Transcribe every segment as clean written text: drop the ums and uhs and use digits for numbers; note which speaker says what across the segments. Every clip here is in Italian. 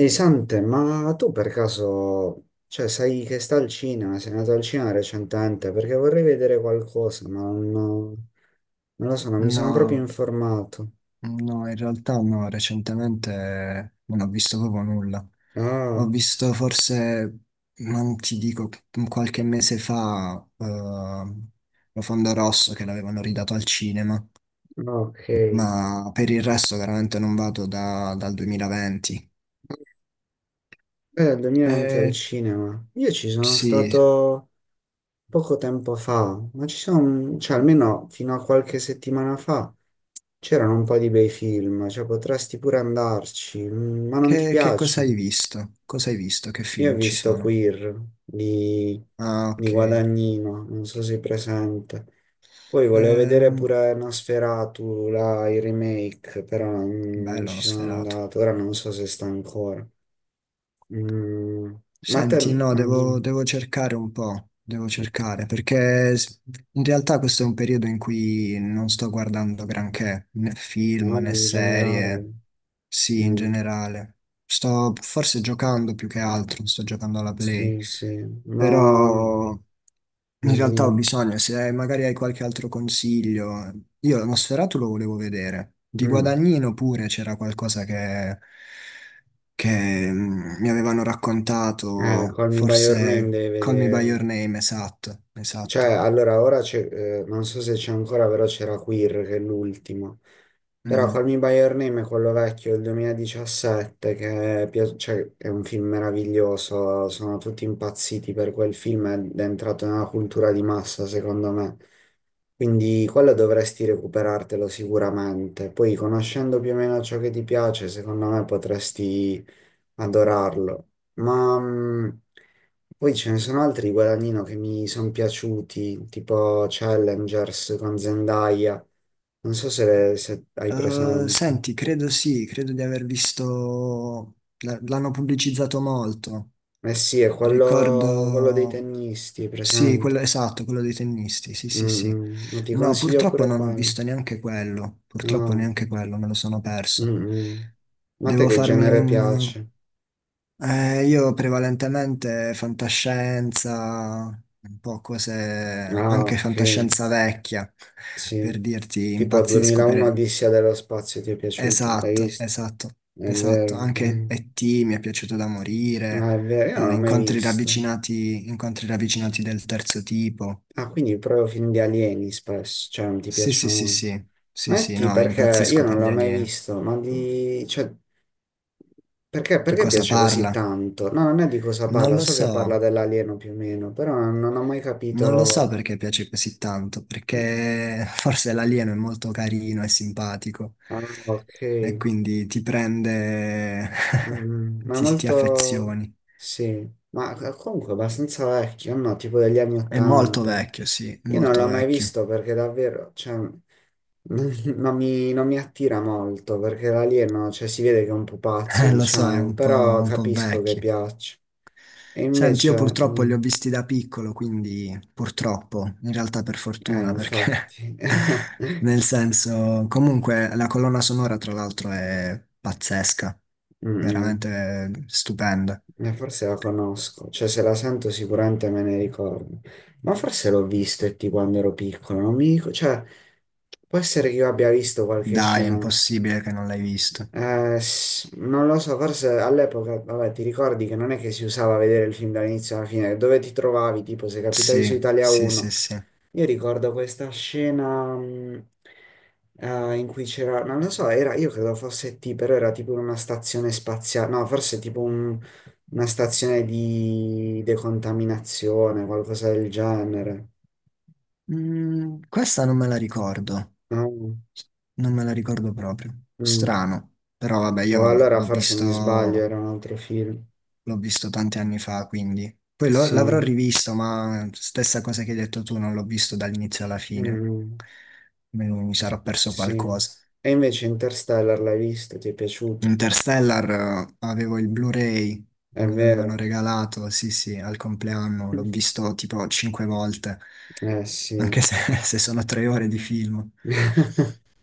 Speaker 1: Ehi Sante, ma tu per caso, cioè, sai che sta al cinema, sei andato al cinema recentemente, perché vorrei vedere qualcosa, ma non lo so, non mi sono proprio
Speaker 2: No,
Speaker 1: informato.
Speaker 2: no, in realtà no, recentemente non ho visto proprio nulla. Ho
Speaker 1: Ah,
Speaker 2: visto forse, non ti dico, qualche mese fa, Profondo Rosso che l'avevano ridato al cinema,
Speaker 1: ok.
Speaker 2: ma per il resto veramente non vado dal 2020.
Speaker 1: 2020 al
Speaker 2: Eh,
Speaker 1: cinema. Io ci sono
Speaker 2: sì,
Speaker 1: stato poco tempo fa, ma ci sono, cioè almeno fino a qualche settimana fa, c'erano un po' di bei film, cioè potresti pure andarci, ma non ti
Speaker 2: che cosa
Speaker 1: piace?
Speaker 2: hai visto? Cosa hai visto? Che
Speaker 1: Io ho
Speaker 2: film ci
Speaker 1: visto
Speaker 2: sono?
Speaker 1: Queer di,
Speaker 2: Ah,
Speaker 1: di
Speaker 2: ok.
Speaker 1: Guadagnino, non so se è presente. Poi volevo vedere
Speaker 2: Ehm,
Speaker 1: pure Nosferatu, là, il remake, però non
Speaker 2: bello, uno
Speaker 1: ci sono
Speaker 2: sferato.
Speaker 1: andato. Ora non so se sta ancora. Mm, ma te,
Speaker 2: Senti, no,
Speaker 1: ah, dimmi.
Speaker 2: devo cercare un po', devo cercare, perché in realtà questo è un periodo in cui non sto guardando granché, né film
Speaker 1: No,
Speaker 2: né
Speaker 1: in
Speaker 2: serie,
Speaker 1: generale.
Speaker 2: sì, in
Speaker 1: Mm,
Speaker 2: generale. Sto forse giocando più che altro, sto giocando alla Play,
Speaker 1: sì, sì, ma...
Speaker 2: però in realtà ho
Speaker 1: dimmi.
Speaker 2: bisogno, se magari hai qualche altro consiglio. Io lo Sferato lo volevo vedere. Di
Speaker 1: Mm.
Speaker 2: Guadagnino pure c'era qualcosa che, che mi avevano raccontato,
Speaker 1: Call Me By Your Name
Speaker 2: forse
Speaker 1: devi
Speaker 2: Call Me By Your
Speaker 1: vedere.
Speaker 2: Name, esatto,
Speaker 1: Cioè,
Speaker 2: esatto.
Speaker 1: allora, ora c'è, non so se c'è ancora, però c'era Queer che è l'ultimo. Però Call
Speaker 2: Mhm.
Speaker 1: Me By Your Name è quello vecchio del 2017, che è, cioè, è un film meraviglioso, sono tutti impazziti per quel film ed è entrato nella cultura di massa, secondo me. Quindi quello dovresti recuperartelo sicuramente. Poi, conoscendo più o meno ciò che ti piace, secondo me potresti adorarlo. Poi ce ne sono altri di Guadagnino che mi sono piaciuti, tipo Challengers con Zendaya. Non so se hai presente.
Speaker 2: Senti, credo sì, credo di aver visto, l'hanno pubblicizzato molto.
Speaker 1: Eh sì, è quello, quello dei
Speaker 2: Ricordo
Speaker 1: tennisti, hai
Speaker 2: sì, quello,
Speaker 1: presente?
Speaker 2: esatto, quello dei tennisti, sì, sì, sì.
Speaker 1: Mm, mm. Ti
Speaker 2: No,
Speaker 1: consiglio
Speaker 2: purtroppo
Speaker 1: pure
Speaker 2: non ho
Speaker 1: quello.
Speaker 2: visto neanche quello, purtroppo
Speaker 1: No.
Speaker 2: neanche quello, me lo sono
Speaker 1: Mm,
Speaker 2: perso.
Speaker 1: mm. Ma a te
Speaker 2: Devo
Speaker 1: che
Speaker 2: farmi
Speaker 1: genere
Speaker 2: un...
Speaker 1: piace?
Speaker 2: io prevalentemente fantascienza, un po' cose,
Speaker 1: Ah,
Speaker 2: anche
Speaker 1: ok,
Speaker 2: fantascienza vecchia,
Speaker 1: sì.
Speaker 2: per dirti,
Speaker 1: Tipo
Speaker 2: impazzisco
Speaker 1: 2001
Speaker 2: per...
Speaker 1: Odissea dello spazio ti è piaciuto, l'hai
Speaker 2: Esatto,
Speaker 1: visto?
Speaker 2: esatto,
Speaker 1: È vero,
Speaker 2: esatto. Anche
Speaker 1: eh.
Speaker 2: E.T. mi è piaciuto da morire,
Speaker 1: Ah, è vero, io non l'ho mai visto.
Speaker 2: incontri ravvicinati del terzo tipo.
Speaker 1: Ah, quindi proprio film di alieni spesso, cioè non ti
Speaker 2: Sì, sì,
Speaker 1: piacciono
Speaker 2: sì,
Speaker 1: molto.
Speaker 2: sì, sì, sì,
Speaker 1: Metti
Speaker 2: no,
Speaker 1: perché io
Speaker 2: impazzisco
Speaker 1: non
Speaker 2: per gli
Speaker 1: l'ho mai
Speaker 2: alieni.
Speaker 1: visto, ma di... cioè, perché,
Speaker 2: Di
Speaker 1: perché
Speaker 2: cosa
Speaker 1: piace così
Speaker 2: parla?
Speaker 1: tanto? No, non è di cosa
Speaker 2: Non
Speaker 1: parla,
Speaker 2: lo
Speaker 1: so che parla
Speaker 2: so,
Speaker 1: dell'alieno più o meno, però non ho mai
Speaker 2: non lo so
Speaker 1: capito...
Speaker 2: perché piace così tanto, perché forse l'alieno è molto carino e simpatico
Speaker 1: Ah, ok.
Speaker 2: e quindi ti prende,
Speaker 1: Ma
Speaker 2: ti
Speaker 1: molto...
Speaker 2: affezioni.
Speaker 1: Sì, ma comunque abbastanza vecchio, no? Tipo degli anni
Speaker 2: È molto
Speaker 1: 80.
Speaker 2: vecchio, sì,
Speaker 1: Io non
Speaker 2: molto
Speaker 1: l'ho mai
Speaker 2: vecchio.
Speaker 1: visto perché davvero, cioè, non mi attira molto perché l'alieno, cioè, si vede che è un pupazzo,
Speaker 2: Lo so, è
Speaker 1: diciamo,
Speaker 2: un
Speaker 1: però
Speaker 2: un po'
Speaker 1: capisco che
Speaker 2: vecchio.
Speaker 1: piace. E
Speaker 2: Senti, io
Speaker 1: invece,
Speaker 2: purtroppo li ho visti da piccolo, quindi purtroppo, in realtà per fortuna, perché
Speaker 1: infatti,
Speaker 2: nel senso, comunque la colonna sonora tra l'altro è pazzesca,
Speaker 1: Mm,
Speaker 2: veramente stupenda.
Speaker 1: forse la conosco, cioè, se la sento sicuramente me ne ricordo. Ma forse l'ho visto e ti quando ero piccolo, non mi ricordo, cioè, può essere che io abbia visto qualche
Speaker 2: Dai, è
Speaker 1: scena.
Speaker 2: impossibile che non l'hai visto.
Speaker 1: Non lo so, forse all'epoca, vabbè, ti ricordi che non è che si usava vedere il film dall'inizio alla fine, dove ti trovavi, tipo se capitavi
Speaker 2: Sì,
Speaker 1: su Italia
Speaker 2: sì, sì,
Speaker 1: 1.
Speaker 2: sì.
Speaker 1: Io ricordo questa scena in cui c'era, non lo so, era, io credo fosse T, però era tipo una stazione spaziale, no, forse una stazione di decontaminazione, qualcosa del genere.
Speaker 2: Mm, questa non me la ricordo,
Speaker 1: No?
Speaker 2: non me la ricordo proprio.
Speaker 1: Mm.
Speaker 2: Strano, però vabbè,
Speaker 1: O
Speaker 2: io
Speaker 1: allora
Speaker 2: l'ho
Speaker 1: forse mi sbaglio,
Speaker 2: visto
Speaker 1: era un altro film.
Speaker 2: L'ho visto tanti anni fa, quindi. Poi l'avrò
Speaker 1: Sì,
Speaker 2: rivisto, ma stessa cosa che hai detto tu, non l'ho visto dall'inizio alla fine.
Speaker 1: mm,
Speaker 2: Mi sarò perso
Speaker 1: sì.
Speaker 2: qualcosa.
Speaker 1: E invece Interstellar l'hai visto, ti è piaciuto?
Speaker 2: Interstellar, avevo il Blu-ray,
Speaker 1: È
Speaker 2: me l'avevano
Speaker 1: vero.
Speaker 2: regalato, sì, sì, al compleanno, l'ho visto tipo cinque volte,
Speaker 1: Eh sì,
Speaker 2: anche se, se sono tre ore di film.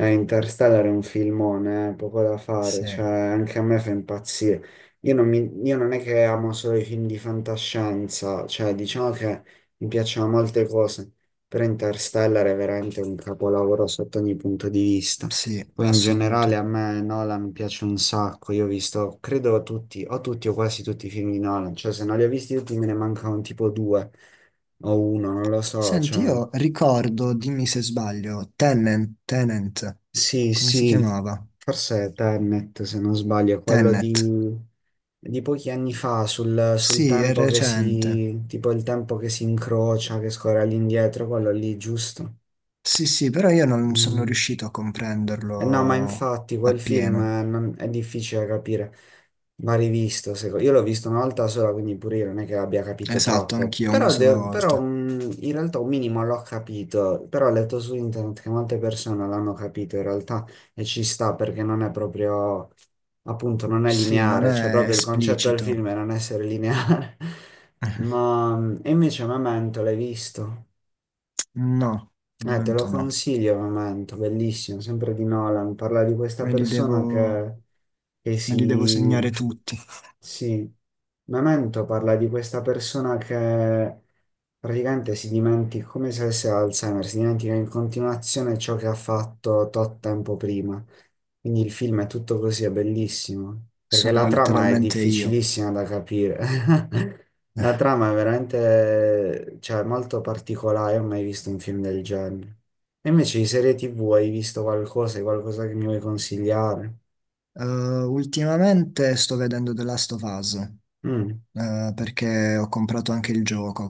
Speaker 1: eh, Interstellar è un filmone, poco da fare, cioè
Speaker 2: Sì,
Speaker 1: anche a me fa impazzire. Io non è che amo solo i film di fantascienza, cioè diciamo che mi piacciono molte cose, però Interstellar è veramente un capolavoro sotto ogni punto di vista.
Speaker 2: sì,
Speaker 1: Poi in generale
Speaker 2: assoluto.
Speaker 1: a me Nolan piace un sacco, io ho visto, credo tutti, o tutti o quasi tutti i film di Nolan, cioè se non li ho visti tutti me ne mancano tipo due o uno, non lo so,
Speaker 2: Senti,
Speaker 1: cioè...
Speaker 2: io ricordo, dimmi se sbaglio, Tenet,
Speaker 1: Sì,
Speaker 2: come si
Speaker 1: sì,
Speaker 2: chiamava?
Speaker 1: forse è Tenet, se non sbaglio, è quello di,
Speaker 2: Tenet,
Speaker 1: di pochi anni fa, sul
Speaker 2: sì, è
Speaker 1: tempo che
Speaker 2: recente.
Speaker 1: si, tipo il tempo che si incrocia, che scorre all'indietro, quello lì, giusto?
Speaker 2: Sì, sì, però io non sono
Speaker 1: Mm.
Speaker 2: riuscito a
Speaker 1: Eh no, ma
Speaker 2: comprenderlo
Speaker 1: infatti quel film
Speaker 2: appieno.
Speaker 1: è difficile da capire, va rivisto. Io l'ho visto una volta sola, quindi pure io non è che abbia capito
Speaker 2: Esatto,
Speaker 1: troppo,
Speaker 2: anch'io una
Speaker 1: però,
Speaker 2: sola
Speaker 1: de- però,
Speaker 2: volta.
Speaker 1: mh, in realtà un minimo l'ho capito, però ho letto su internet che molte persone l'hanno capito in realtà e ci sta perché non è proprio, appunto, non è
Speaker 2: Sì, non
Speaker 1: lineare, cioè
Speaker 2: è
Speaker 1: proprio il concetto del
Speaker 2: esplicito.
Speaker 1: film è non essere lineare. E invece Memento l'hai visto?
Speaker 2: No, al
Speaker 1: Te lo
Speaker 2: momento no.
Speaker 1: consiglio, Memento, bellissimo, sempre di Nolan. Parla di questa
Speaker 2: Me li devo,
Speaker 1: persona che
Speaker 2: me li devo
Speaker 1: si...
Speaker 2: segnare tutti.
Speaker 1: Sì, Memento parla di questa persona che praticamente si dimentica, come se avesse Alzheimer, si dimentica in continuazione ciò che ha fatto tot tempo prima. Quindi il film è tutto così, è bellissimo, perché la
Speaker 2: Sono
Speaker 1: trama è
Speaker 2: letteralmente io.
Speaker 1: difficilissima da capire. La trama è veramente, cioè, molto particolare, non ho mai visto un film del genere. E invece di serie TV hai visto qualcosa, hai qualcosa che mi vuoi consigliare?
Speaker 2: Ultimamente sto vedendo The Last of Us.
Speaker 1: Mm.
Speaker 2: Eh, perché ho comprato anche il gioco,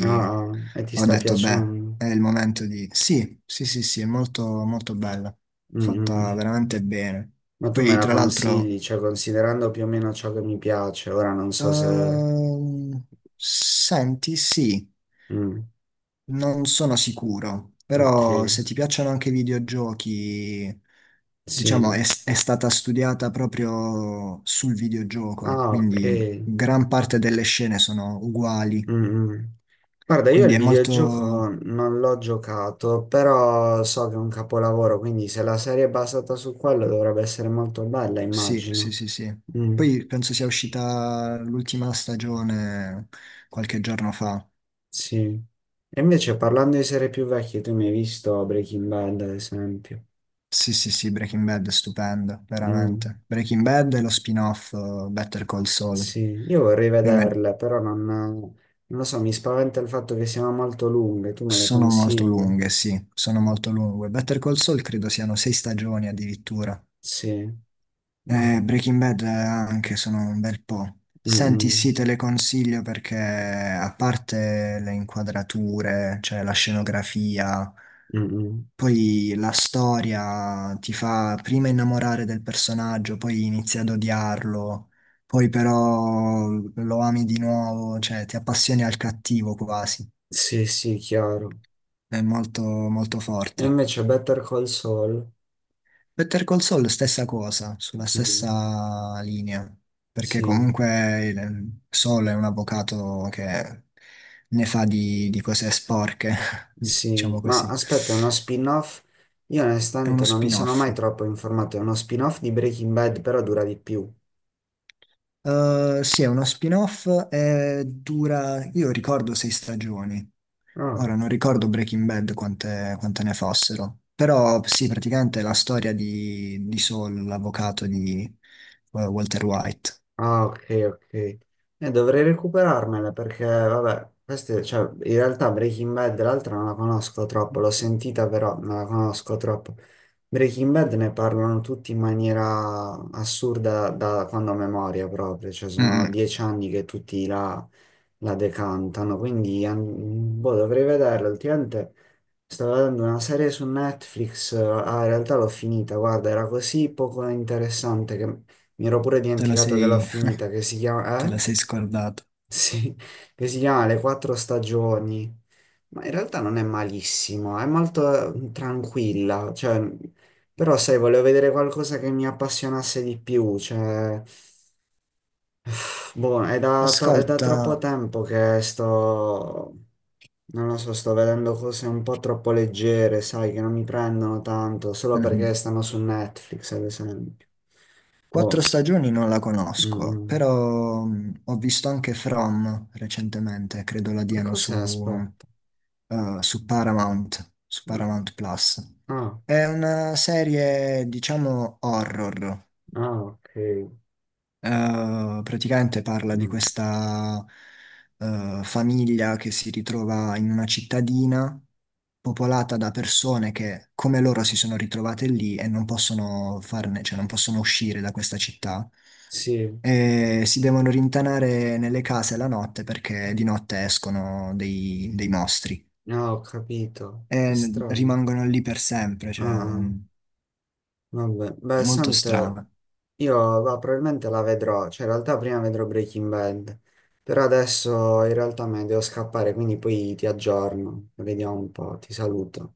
Speaker 1: Ah, ah, e ti
Speaker 2: ho
Speaker 1: sta
Speaker 2: detto, beh,
Speaker 1: piacendo?
Speaker 2: è il momento di... Sì, sì, sì, sì, è molto, molto bella,
Speaker 1: Mm,
Speaker 2: fatta
Speaker 1: mm.
Speaker 2: veramente bene.
Speaker 1: Ma tu me
Speaker 2: Poi,
Speaker 1: la
Speaker 2: tra l'altro,
Speaker 1: consigli, cioè, considerando più o meno ciò che mi piace, ora non so se...
Speaker 2: ehm, senti, sì,
Speaker 1: Mm,
Speaker 2: non sono sicuro,
Speaker 1: ok,
Speaker 2: però se ti piacciono anche i videogiochi, diciamo,
Speaker 1: sì.
Speaker 2: è stata studiata proprio sul videogioco,
Speaker 1: Ah, ok.
Speaker 2: quindi gran parte delle scene sono uguali.
Speaker 1: Mm, mm. Guarda, io
Speaker 2: Quindi
Speaker 1: il
Speaker 2: è
Speaker 1: videogioco
Speaker 2: molto,
Speaker 1: non l'ho giocato, però so che è un capolavoro, quindi se la serie è basata su quello dovrebbe essere molto bella,
Speaker 2: sì, sì,
Speaker 1: immagino.
Speaker 2: sì, sì.
Speaker 1: Mm,
Speaker 2: Poi penso sia uscita l'ultima stagione qualche giorno fa.
Speaker 1: sì. E invece parlando di serie più vecchie, tu mi hai visto Breaking Bad, ad esempio.
Speaker 2: Sì, sì, sì, Breaking Bad è stupendo,
Speaker 1: Mm,
Speaker 2: veramente. Breaking Bad e lo spin-off, Better Call Saul.
Speaker 1: sì, io vorrei
Speaker 2: Io me-
Speaker 1: vederle, però non lo so, mi spaventa il fatto che siano molto lunghe, tu me le
Speaker 2: Sono molto
Speaker 1: consigli?
Speaker 2: lunghe, sì, sono molto lunghe. Better Call Saul credo siano sei stagioni addirittura.
Speaker 1: Sì, ma...
Speaker 2: Breaking Bad, anche sono un bel po'.
Speaker 1: Mm,
Speaker 2: Senti,
Speaker 1: mm,
Speaker 2: sì, te le consiglio perché a parte le inquadrature, cioè la scenografia.
Speaker 1: mm, mm.
Speaker 2: Poi la storia ti fa prima innamorare del personaggio, poi inizi ad odiarlo, poi però lo ami di nuovo, cioè ti appassioni al cattivo quasi.
Speaker 1: Sì, sì, chiaro.
Speaker 2: È molto, molto
Speaker 1: E
Speaker 2: forte.
Speaker 1: invece Better Call Saul,
Speaker 2: Better Call Saul, stessa cosa, sulla
Speaker 1: no,
Speaker 2: stessa linea, perché
Speaker 1: sì,
Speaker 2: comunque Saul è un avvocato che ne fa di cose sporche,
Speaker 1: sì,
Speaker 2: diciamo
Speaker 1: ma
Speaker 2: così.
Speaker 1: aspetta, è uno spin-off? Io
Speaker 2: È uno
Speaker 1: onestamente non mi sono mai
Speaker 2: spin-off.
Speaker 1: troppo informato, è uno spin-off di Breaking Bad, però dura di più.
Speaker 2: Sì, è uno spin-off, dura, io ricordo sei stagioni,
Speaker 1: Ah.
Speaker 2: ora non ricordo Breaking Bad quante ne fossero, però sì, praticamente è la storia di Saul, l'avvocato di, Walter White.
Speaker 1: Ah, ok, ok. Dovrei recuperarmela perché, vabbè, queste, cioè, in realtà Breaking Bad l'altra non la conosco troppo, l'ho sentita però non la conosco troppo. Breaking Bad ne parlano tutti in maniera assurda da quando a memoria proprio, cioè
Speaker 2: Mm,
Speaker 1: sono
Speaker 2: mm,
Speaker 1: 10 anni che tutti la decantano, quindi boh, dovrei vederla. Ultimamente stavo guardando una serie su Netflix, ah, in realtà l'ho finita, guarda, era così poco interessante che mi ero pure
Speaker 2: Te la
Speaker 1: dimenticato che l'ho
Speaker 2: sei,
Speaker 1: finita, che si chiama,
Speaker 2: te
Speaker 1: eh?
Speaker 2: la sei scordato.
Speaker 1: Sì, che si chiama Le quattro stagioni, ma in realtà non è malissimo, è molto tranquilla, cioè, però sai, volevo vedere qualcosa che mi appassionasse di più, cioè, boh, è da
Speaker 2: Ascolta,
Speaker 1: troppo tempo che sto, non lo so, sto vedendo cose un po' troppo leggere, sai, che non mi prendono tanto, solo perché
Speaker 2: mhm,
Speaker 1: stanno su Netflix, ad esempio.
Speaker 2: quattro
Speaker 1: Boh,
Speaker 2: stagioni non la
Speaker 1: mm,
Speaker 2: conosco,
Speaker 1: mm.
Speaker 2: però mm, ho visto anche From recentemente, credo la
Speaker 1: E
Speaker 2: diano
Speaker 1: cos'è?
Speaker 2: su...
Speaker 1: Aspetta.
Speaker 2: Eh, su Paramount Plus.
Speaker 1: Ah,
Speaker 2: È una serie, diciamo, horror.
Speaker 1: ah, ok.
Speaker 2: Praticamente parla di
Speaker 1: Mm,
Speaker 2: questa, famiglia che si ritrova in una cittadina popolata da persone che, come loro, si sono ritrovate lì e non possono farne, cioè non possono uscire da questa città.
Speaker 1: sì,
Speaker 2: E si devono rintanare nelle case la notte perché di notte escono dei mostri.
Speaker 1: ah, ho capito. Che
Speaker 2: E
Speaker 1: strano.
Speaker 2: rimangono lì per sempre,
Speaker 1: Ah,
Speaker 2: cioè
Speaker 1: ah, vabbè. Beh,
Speaker 2: molto
Speaker 1: sente,
Speaker 2: strana.
Speaker 1: io va, probabilmente la vedrò, cioè in realtà prima vedrò Breaking Bad, però adesso in realtà me ne devo scappare, quindi poi ti aggiorno, vediamo un po', ti saluto.